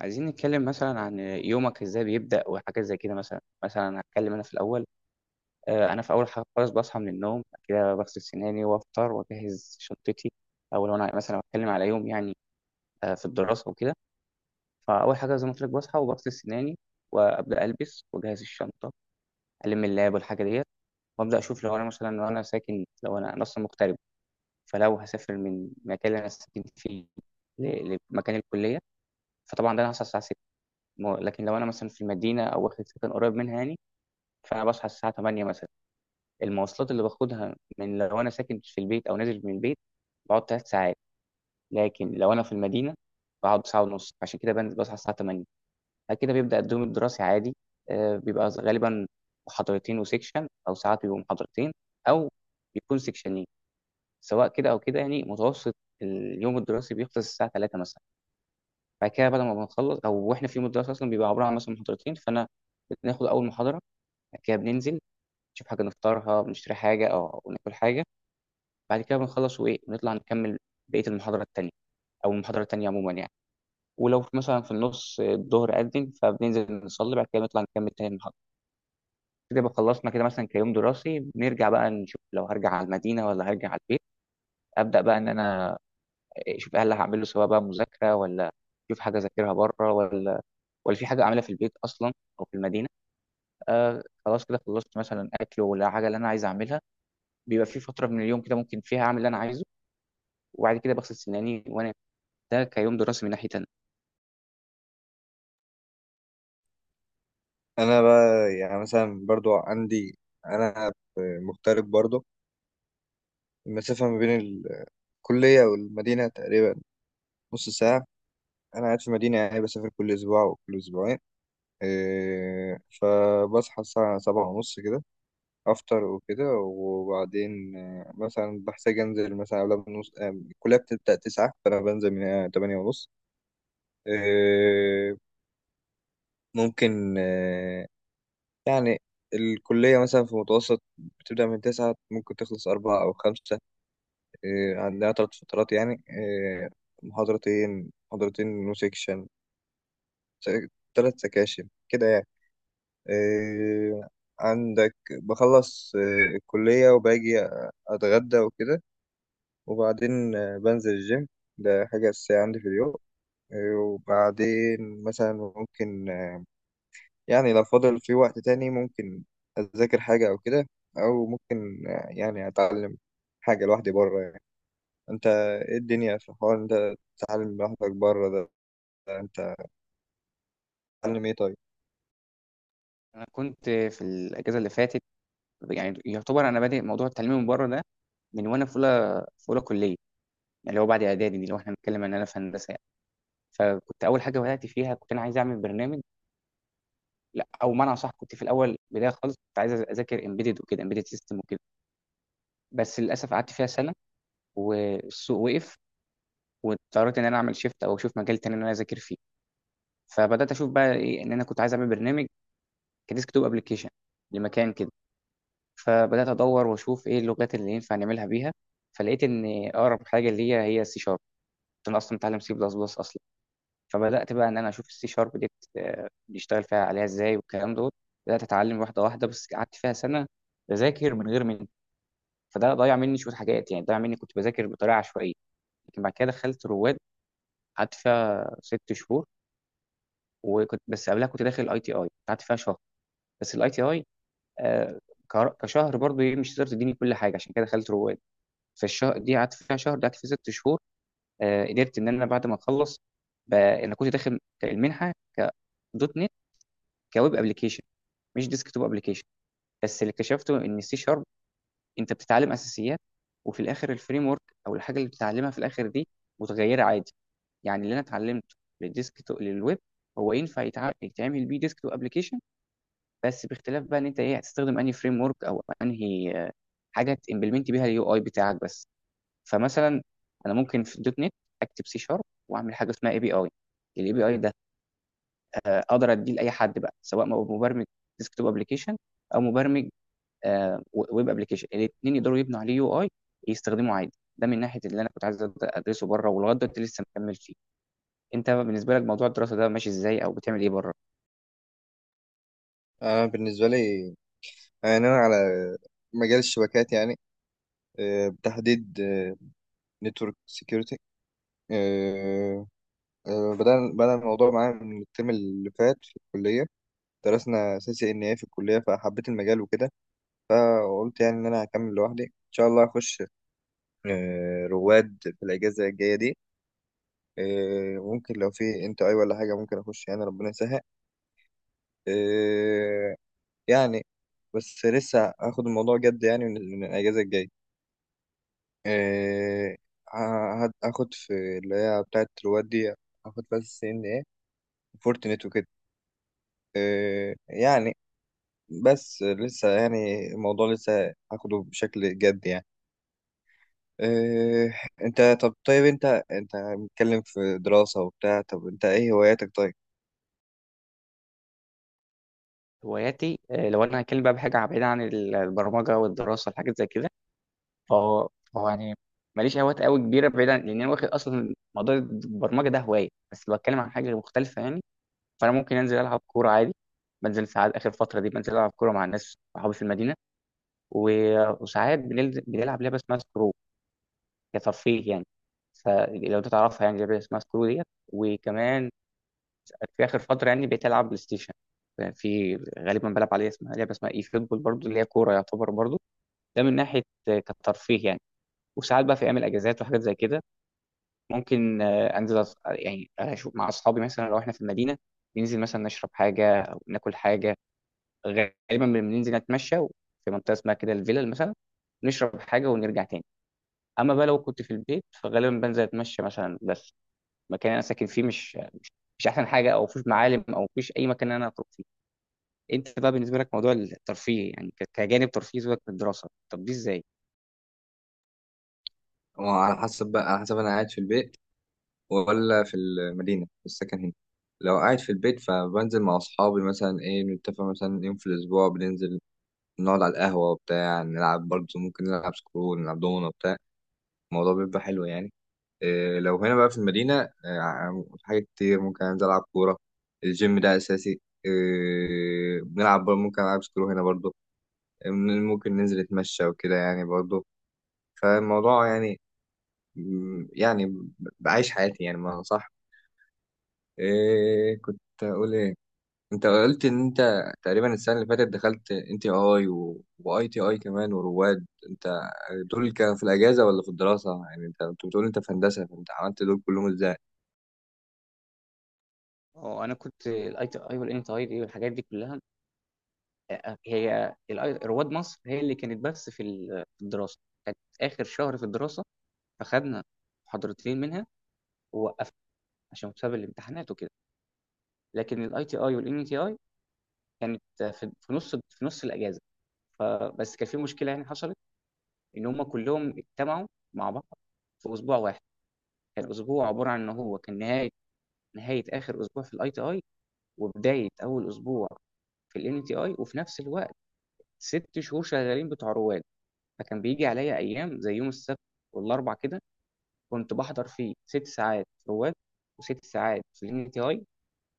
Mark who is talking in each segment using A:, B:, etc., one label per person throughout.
A: عايزين نتكلم مثلا عن يومك ازاي بيبدأ وحاجات زي كده مثلا، هتكلم انا في الاول. انا في اول حاجه خالص بصحى من النوم، بعد كده بغسل سناني وافطر واجهز شنطتي، او لو انا مثلا بتكلم على يوم يعني في الدراسه وكده. فاول حاجه زي ما قلت لك بصحى وبغسل سناني وابدا البس واجهز الشنطه، الم اللاب والحاجه ديت، وابدا اشوف. لو انا مثلا لو انا ساكن لو انا أنا اصلا مغترب، فلو هسافر من المكان اللي انا ساكن فيه لمكان الكليه، فطبعا ده انا هصحى الساعه. لكن لو انا مثلا في المدينه او واخد سكن قريب منها يعني، فانا بصحى الساعه 8 مثلا. المواصلات اللي باخدها من، لو انا ساكن في البيت او نازل من البيت، بقعد ثلاث ساعات، لكن لو انا في المدينه بقعد ساعه ونص، عشان كده بنزل بصحى الساعه 8. بعد كده بيبدا الدوم الدراسي عادي. بيبقى غالبا محاضرتين وسيكشن، او ساعات بيبقوا محاضرتين، او بيكون سيكشنين، سواء كده او كده يعني متوسط. اليوم الدراسي بيخلص الساعه 3 مثلا. بعد كده، بعد ما بنخلص، او واحنا في يوم الدراسه اصلا بيبقى عباره عن مثلا محاضرتين، فانا بناخد اول محاضره، بعد كده بننزل نشوف حاجة نفطرها، بنشتري حاجة أو ناكل حاجة، بعد كده بنخلص، وإيه نطلع نكمل بقية المحاضرة التانية، أو المحاضرة التانية عموما يعني. ولو مثلا في النص الظهر أذن، فبننزل نصلي، بعد كده نطلع نكمل تاني المحاضرة. كده بقى خلصنا كده مثلا كيوم دراسي. بنرجع بقى نشوف لو هرجع على المدينة ولا هرجع على البيت، أبدأ بقى إن أنا أشوف هل هعمله، سواء بقى مذاكرة ولا أشوف حاجة أذاكرها بره، ولا ولا في حاجة أعملها في البيت أصلا أو في المدينة. آه، خلاص كده خلصت مثلا أكل ولا حاجة اللي أنا عايز أعملها، بيبقى في فتره من اليوم كده ممكن فيها اعمل اللي انا عايزه، وبعد كده بغسل سناني وانا، ده كيوم دراسي من ناحيه تانية.
B: انا بقى يعني مثلا برضو انا مغترب برضو. المسافه ما بين الكليه والمدينه تقريبا نص ساعه. انا قاعد في مدينه يعني بسافر كل اسبوع وكل اسبوعين. إيه، فبصحى الساعه 7:30 كده، افطر وكده، وبعدين مثلا بحتاج انزل مثلا قبل بنص الكليه بتبدا 9، فانا بنزل من 8:30. إيه، ممكن يعني الكلية مثلا في متوسط بتبدأ من 9، ممكن تخلص 4 أو 5. إيه، عندنا 3 فترات يعني، إيه، محاضرتين محاضرتين نو سيكشن، 3 سكاشن كده يعني. إيه، عندك بخلص إيه، الكلية وباجي أتغدى وكده، وبعدين بنزل الجيم. ده حاجة أساسية عندي في اليوم. إيه، وبعدين مثلا ممكن يعني لو فاضل في وقت تاني ممكن أذاكر حاجة أو كده، أو ممكن يعني أتعلم حاجة لوحدي بره يعني. أنت إيه الدنيا في حوار أنت تتعلم لوحدك بره ده أنت تتعلم إيه طيب؟
A: انا كنت في الاجازه اللي فاتت، يعني يعتبر انا بادئ موضوع التعليم من بره ده من وانا في اولى، في اولى كليه يعني، اللي هو بعد اعدادي دي، لو احنا بنتكلم ان انا في هندسه يعني. فكنت اول حاجه بدات فيها كنت انا عايز اعمل برنامج. لا او معنى صح، كنت في الاول بدايه خالص كنت عايز اذاكر امبيدد وكده، امبيدد سيستم وكده، بس للاسف قعدت فيها سنه والسوق وقف، واضطريت ان انا اعمل شيفت او اشوف مجال تاني ان انا اذاكر فيه. فبدات اشوف بقى ايه، ان انا كنت عايز اعمل برنامج كديسك توب ابلكيشن لمكان كده، فبدات ادور واشوف ايه اللغات اللي ينفع نعملها بيها، فلقيت ان اقرب حاجه ليا هي السي شارب. انا اصلا متعلم سي بلس بلس اصلا. فبدات بقى ان انا اشوف السي شارب دي بيشتغل فيها عليها ازاي والكلام دوت. بدات اتعلم واحده واحده، بس قعدت فيها سنه بذاكر من غير من، فده ضيع مني شويه حاجات يعني، ضيع مني كنت بذاكر بطريقه عشوائيه. لكن بعد كده دخلت رواد، قعدت فيها ست شهور، وكنت بس قبلها كنت داخل اي تي اي، قعدت فيها شهر، بس الاي تي اي آه، كشهر برضو ايه مش هتقدر تديني كل حاجه، عشان كده دخلت رواد. فالشهر دي قعدت فيها شهر دي قعدت فيها ست شهور. آه، قدرت ان انا بعد ما اخلص، انا كنت داخل المنحه ك دوت نت كويب ابلكيشن مش ديسك توب ابلكيشن. بس اللي اكتشفته ان السي شارب، انت بتتعلم اساسيات، وفي الاخر الفريم ورك او الحاجه اللي بتتعلمها في الاخر دي متغيره عادي. يعني اللي انا اتعلمته للديسك توب للويب هو ينفع يتعمل بيه ديسك توب ابلكيشن، بس باختلاف بقى ان انت ايه هتستخدم انهي فريم ورك، او انهي حاجه تمبلمنت بيها اليو اي بتاعك بس. فمثلا انا ممكن في دوت نت اكتب سي شارب واعمل حاجه اسمها اي بي اي. الاي بي اي ده اقدر اديه لاي حد بقى، سواء مبرمج ديسكتوب ابلكيشن، او مبرمج ويب ابلكيشن، الاثنين يقدروا يبنوا عليه يو اي يستخدموه عادي. ده من ناحيه اللي انا كنت عايز ادرسه بره ولغايه دلوقتي لسه مكمل فيه. انت بالنسبه لك موضوع الدراسه ده ماشي ازاي او بتعمل ايه بره؟
B: أنا بالنسبة لي يعني أنا على مجال الشبكات يعني، بتحديد نتورك سيكيورتي. بدأ الموضوع معايا من الترم اللي فات في الكلية. درسنا سي سي إن إيه في الكلية فحبيت المجال وكده، فقلت يعني إن أنا هكمل لوحدي إن شاء الله أخش رواد في الأجازة الجاية دي. ممكن لو في انت اي ولا حاجة ممكن اخش يعني ربنا يسهل. آه، يعني بس لسه هاخد الموضوع جد يعني من الأجازة الجاية. آه، هاخد في اللي هي بتاعة رواد دي، هاخد بس سي ان ايه، فورتنت وكده. يعني بس لسه يعني الموضوع لسه هاخده بشكل جد يعني. آه، انت طيب، انت متكلم في دراسة وبتاع، طب انت ايه هواياتك طيب؟
A: هواياتي؟ آه، لو انا هتكلم بقى بحاجه بعيده عن البرمجه والدراسه والحاجات زي كده، فهو يعني ماليش هوايات قوي كبيره بعيدا، لان انا واخد اصلا موضوع البرمجه ده هوايه. بس لو بتكلم عن حاجه مختلفه يعني، فانا ممكن انزل العب كوره عادي. بنزل ساعات، اخر فتره دي بنزل العب كوره مع الناس صحابي في المدينه، وساعات بنلعب لعبه اسمها سكرو كترفيه يعني، فلو انت تعرفها يعني لعبه اسمها سكرو ديت. وكمان في اخر فتره يعني بقيت العب بلاي ستيشن، في غالبا بلعب عليها، اسمها لعبه اسمها اي فوتبول برضو اللي هي كوره يعتبر برضو. ده من ناحيه كترفيه يعني. وساعات بقى في ايام الاجازات وحاجات زي كده، ممكن انزل، يعني اشوف مع اصحابي مثلا لو احنا في المدينه، ننزل مثلا نشرب حاجه او ناكل حاجه. غالبا بننزل نتمشى في منطقه اسمها كده الفيلل مثلا، نشرب حاجه ونرجع تاني. اما بقى لو كنت في البيت فغالبا بنزل اتمشى مثلا، بس المكان اللي انا ساكن فيه مش مش احسن حاجه، او مفيش معالم او مفيش اي مكان إن انا اخرج فيه. انت بقى بالنسبه لك موضوع الترفيه يعني كجانب ترفيه، سيبك من الدراسه، طب دي ازاي؟
B: وعلى حسب بقى، على حسب انا قاعد في البيت ولا في المدينه في السكن هنا. لو قاعد في البيت فبنزل مع اصحابي مثلا، ايه نتفق مثلا يوم في الاسبوع بننزل نقعد على القهوه وبتاع، نلعب برضه، ممكن نلعب سكرول، نلعب دومنه وبتاع. الموضوع بيبقى حلو يعني. إيه لو هنا بقى في المدينه إيه، حاجات كتير ممكن انزل العب كوره. الجيم ده اساسي. إيه بنلعب برضه، ممكن العب سكرول هنا برضه. إيه، ممكن ننزل نتمشى وكده يعني برضه. فالموضوع يعني بعيش حياتي يعني، ما صح؟ إيه كنت اقول ايه، انت قلت ان انت تقريبا السنه اللي فاتت دخلت ان تي اي واي تي اي كمان ورواد. انت دول كان في الاجازه ولا في الدراسه يعني؟ انت كنت بتقول انت في هندسه، فانت عملت دول كلهم ازاي؟
A: اه انا كنت الاي تي اي والان تي اي دي والحاجات دي كلها، آه، هي رواد مصر هي اللي كانت بس في في الدراسه، كانت اخر شهر في الدراسه فخدنا محاضرتين منها ووقفنا عشان بسبب الامتحانات وكده. لكن الاي تي اي والان تي اي كانت في في نص الاجازه. فبس كان في مشكله يعني حصلت، ان هم كلهم اجتمعوا مع بعض في اسبوع واحد. كان اسبوع عباره عن ان هو كان نهايه، نهايه اخر اسبوع في الاي تي اي، وبدايه اول اسبوع في الان تي اي، وفي نفس الوقت ست شهور شغالين بتوع رواد. فكان بيجي عليا ايام زي يوم السبت والاربع كده، كنت بحضر فيه ست ساعات في رواد، وست ساعات في الان تي اي،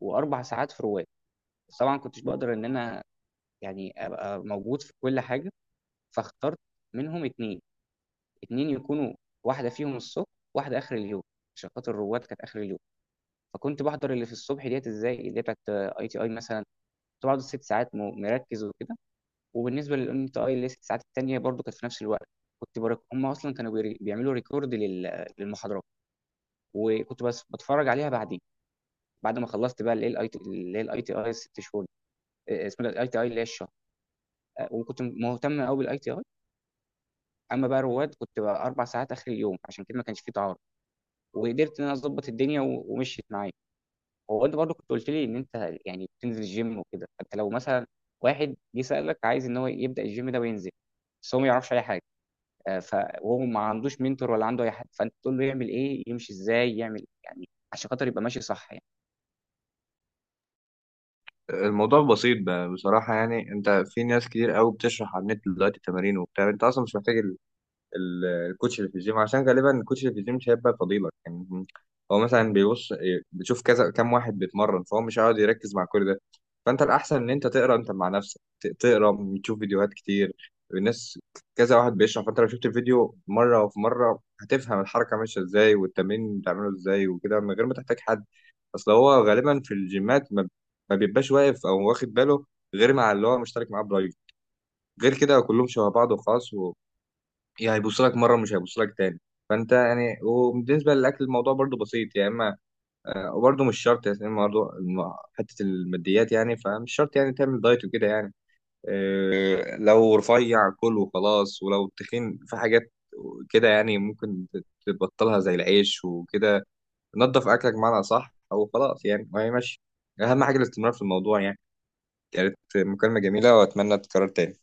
A: واربع ساعات في رواد. بس طبعا كنتش بقدر ان انا يعني ابقى موجود في كل حاجه، فاخترت منهم اتنين. اتنين يكونوا واحده فيهم الصبح واحده اخر اليوم، عشان خاطر الرواد كانت اخر اليوم. فكنت بحضر اللي في الصبح ديت ازاي، اللي هي بتاعت اي تي اي مثلا، كنت بقعد الست ساعات مركز وكده. وبالنسبه للان تي اي اللي هي الست ساعات التانيه برضو كانت في نفس الوقت، هم اصلا كانوا بيعملوا ريكورد للمحاضرات، وكنت بس بتفرج عليها بعدين. بعد ما خلصت بقى اللي هي الاي تي اي الست شهور دي. آه، اسمها الاي تي اي اللي هي الشهر. آه، وكنت مهتم قوي بالاي تي اي، اما بقى رواد كنت بقى اربع ساعات اخر اليوم، عشان كده ما كانش فيه تعارض، وقدرت ان انا اظبط الدنيا ومشيت معايا. هو انت برضو كنت قلت لي ان انت يعني بتنزل الجيم وكده، فانت لو مثلا واحد جه سالك عايز ان هو يبدا الجيم ده وينزل، بس هو ما يعرفش اي حاجه، آه، ف وهو ما عندوش منتور ولا عنده اي حد، فانت تقول له يعمل ايه، يمشي ازاي يعمل يعني عشان خاطر يبقى ماشي صح؟
B: الموضوع بسيط بصراحه يعني، انت في ناس كتير قوي بتشرح على النت دلوقتي تمارين وبتاع، انت اصلا مش محتاج ال- الكوتش اللي في الجيم، عشان غالبا الكوتش اللي في الجيم مش هيبقى فضيلك يعني. هو مثلا بيبص بتشوف كذا، كام واحد بيتمرن فهو مش هيقعد يركز مع كل ده. فانت الاحسن ان انت تقرا انت مع نفسك، تقرا، تشوف فيديوهات كتير، الناس كذا واحد بيشرح، فانت لو شفت الفيديو مره وفي مره هتفهم الحركه ماشيه ازاي والتمرين بتعمله ازاي وكده من غير ما تحتاج حد. اصل هو غالبا في الجيمات ما بيبقاش واقف او واخد باله غير مع اللي هو مشترك معاه برايفت، غير كده كلهم شبه بعض وخلاص يعني، هيبص لك مره مش هيبص لك تاني. فانت يعني، وبالنسبه للاكل الموضوع برضو بسيط يا اما وبرضو مش شرط يعني، برضو حته الماديات يعني، فمش شرط يعني تعمل دايت وكده يعني. لو رفيع كل وخلاص، ولو تخين في حاجات كده يعني ممكن تبطلها زي العيش وكده. نظف اكلك معنا صح او خلاص يعني وهي ماشي. اهم حاجه الاستمرار في الموضوع يعني. كانت مكالمه جميله واتمنى تتكرر تاني.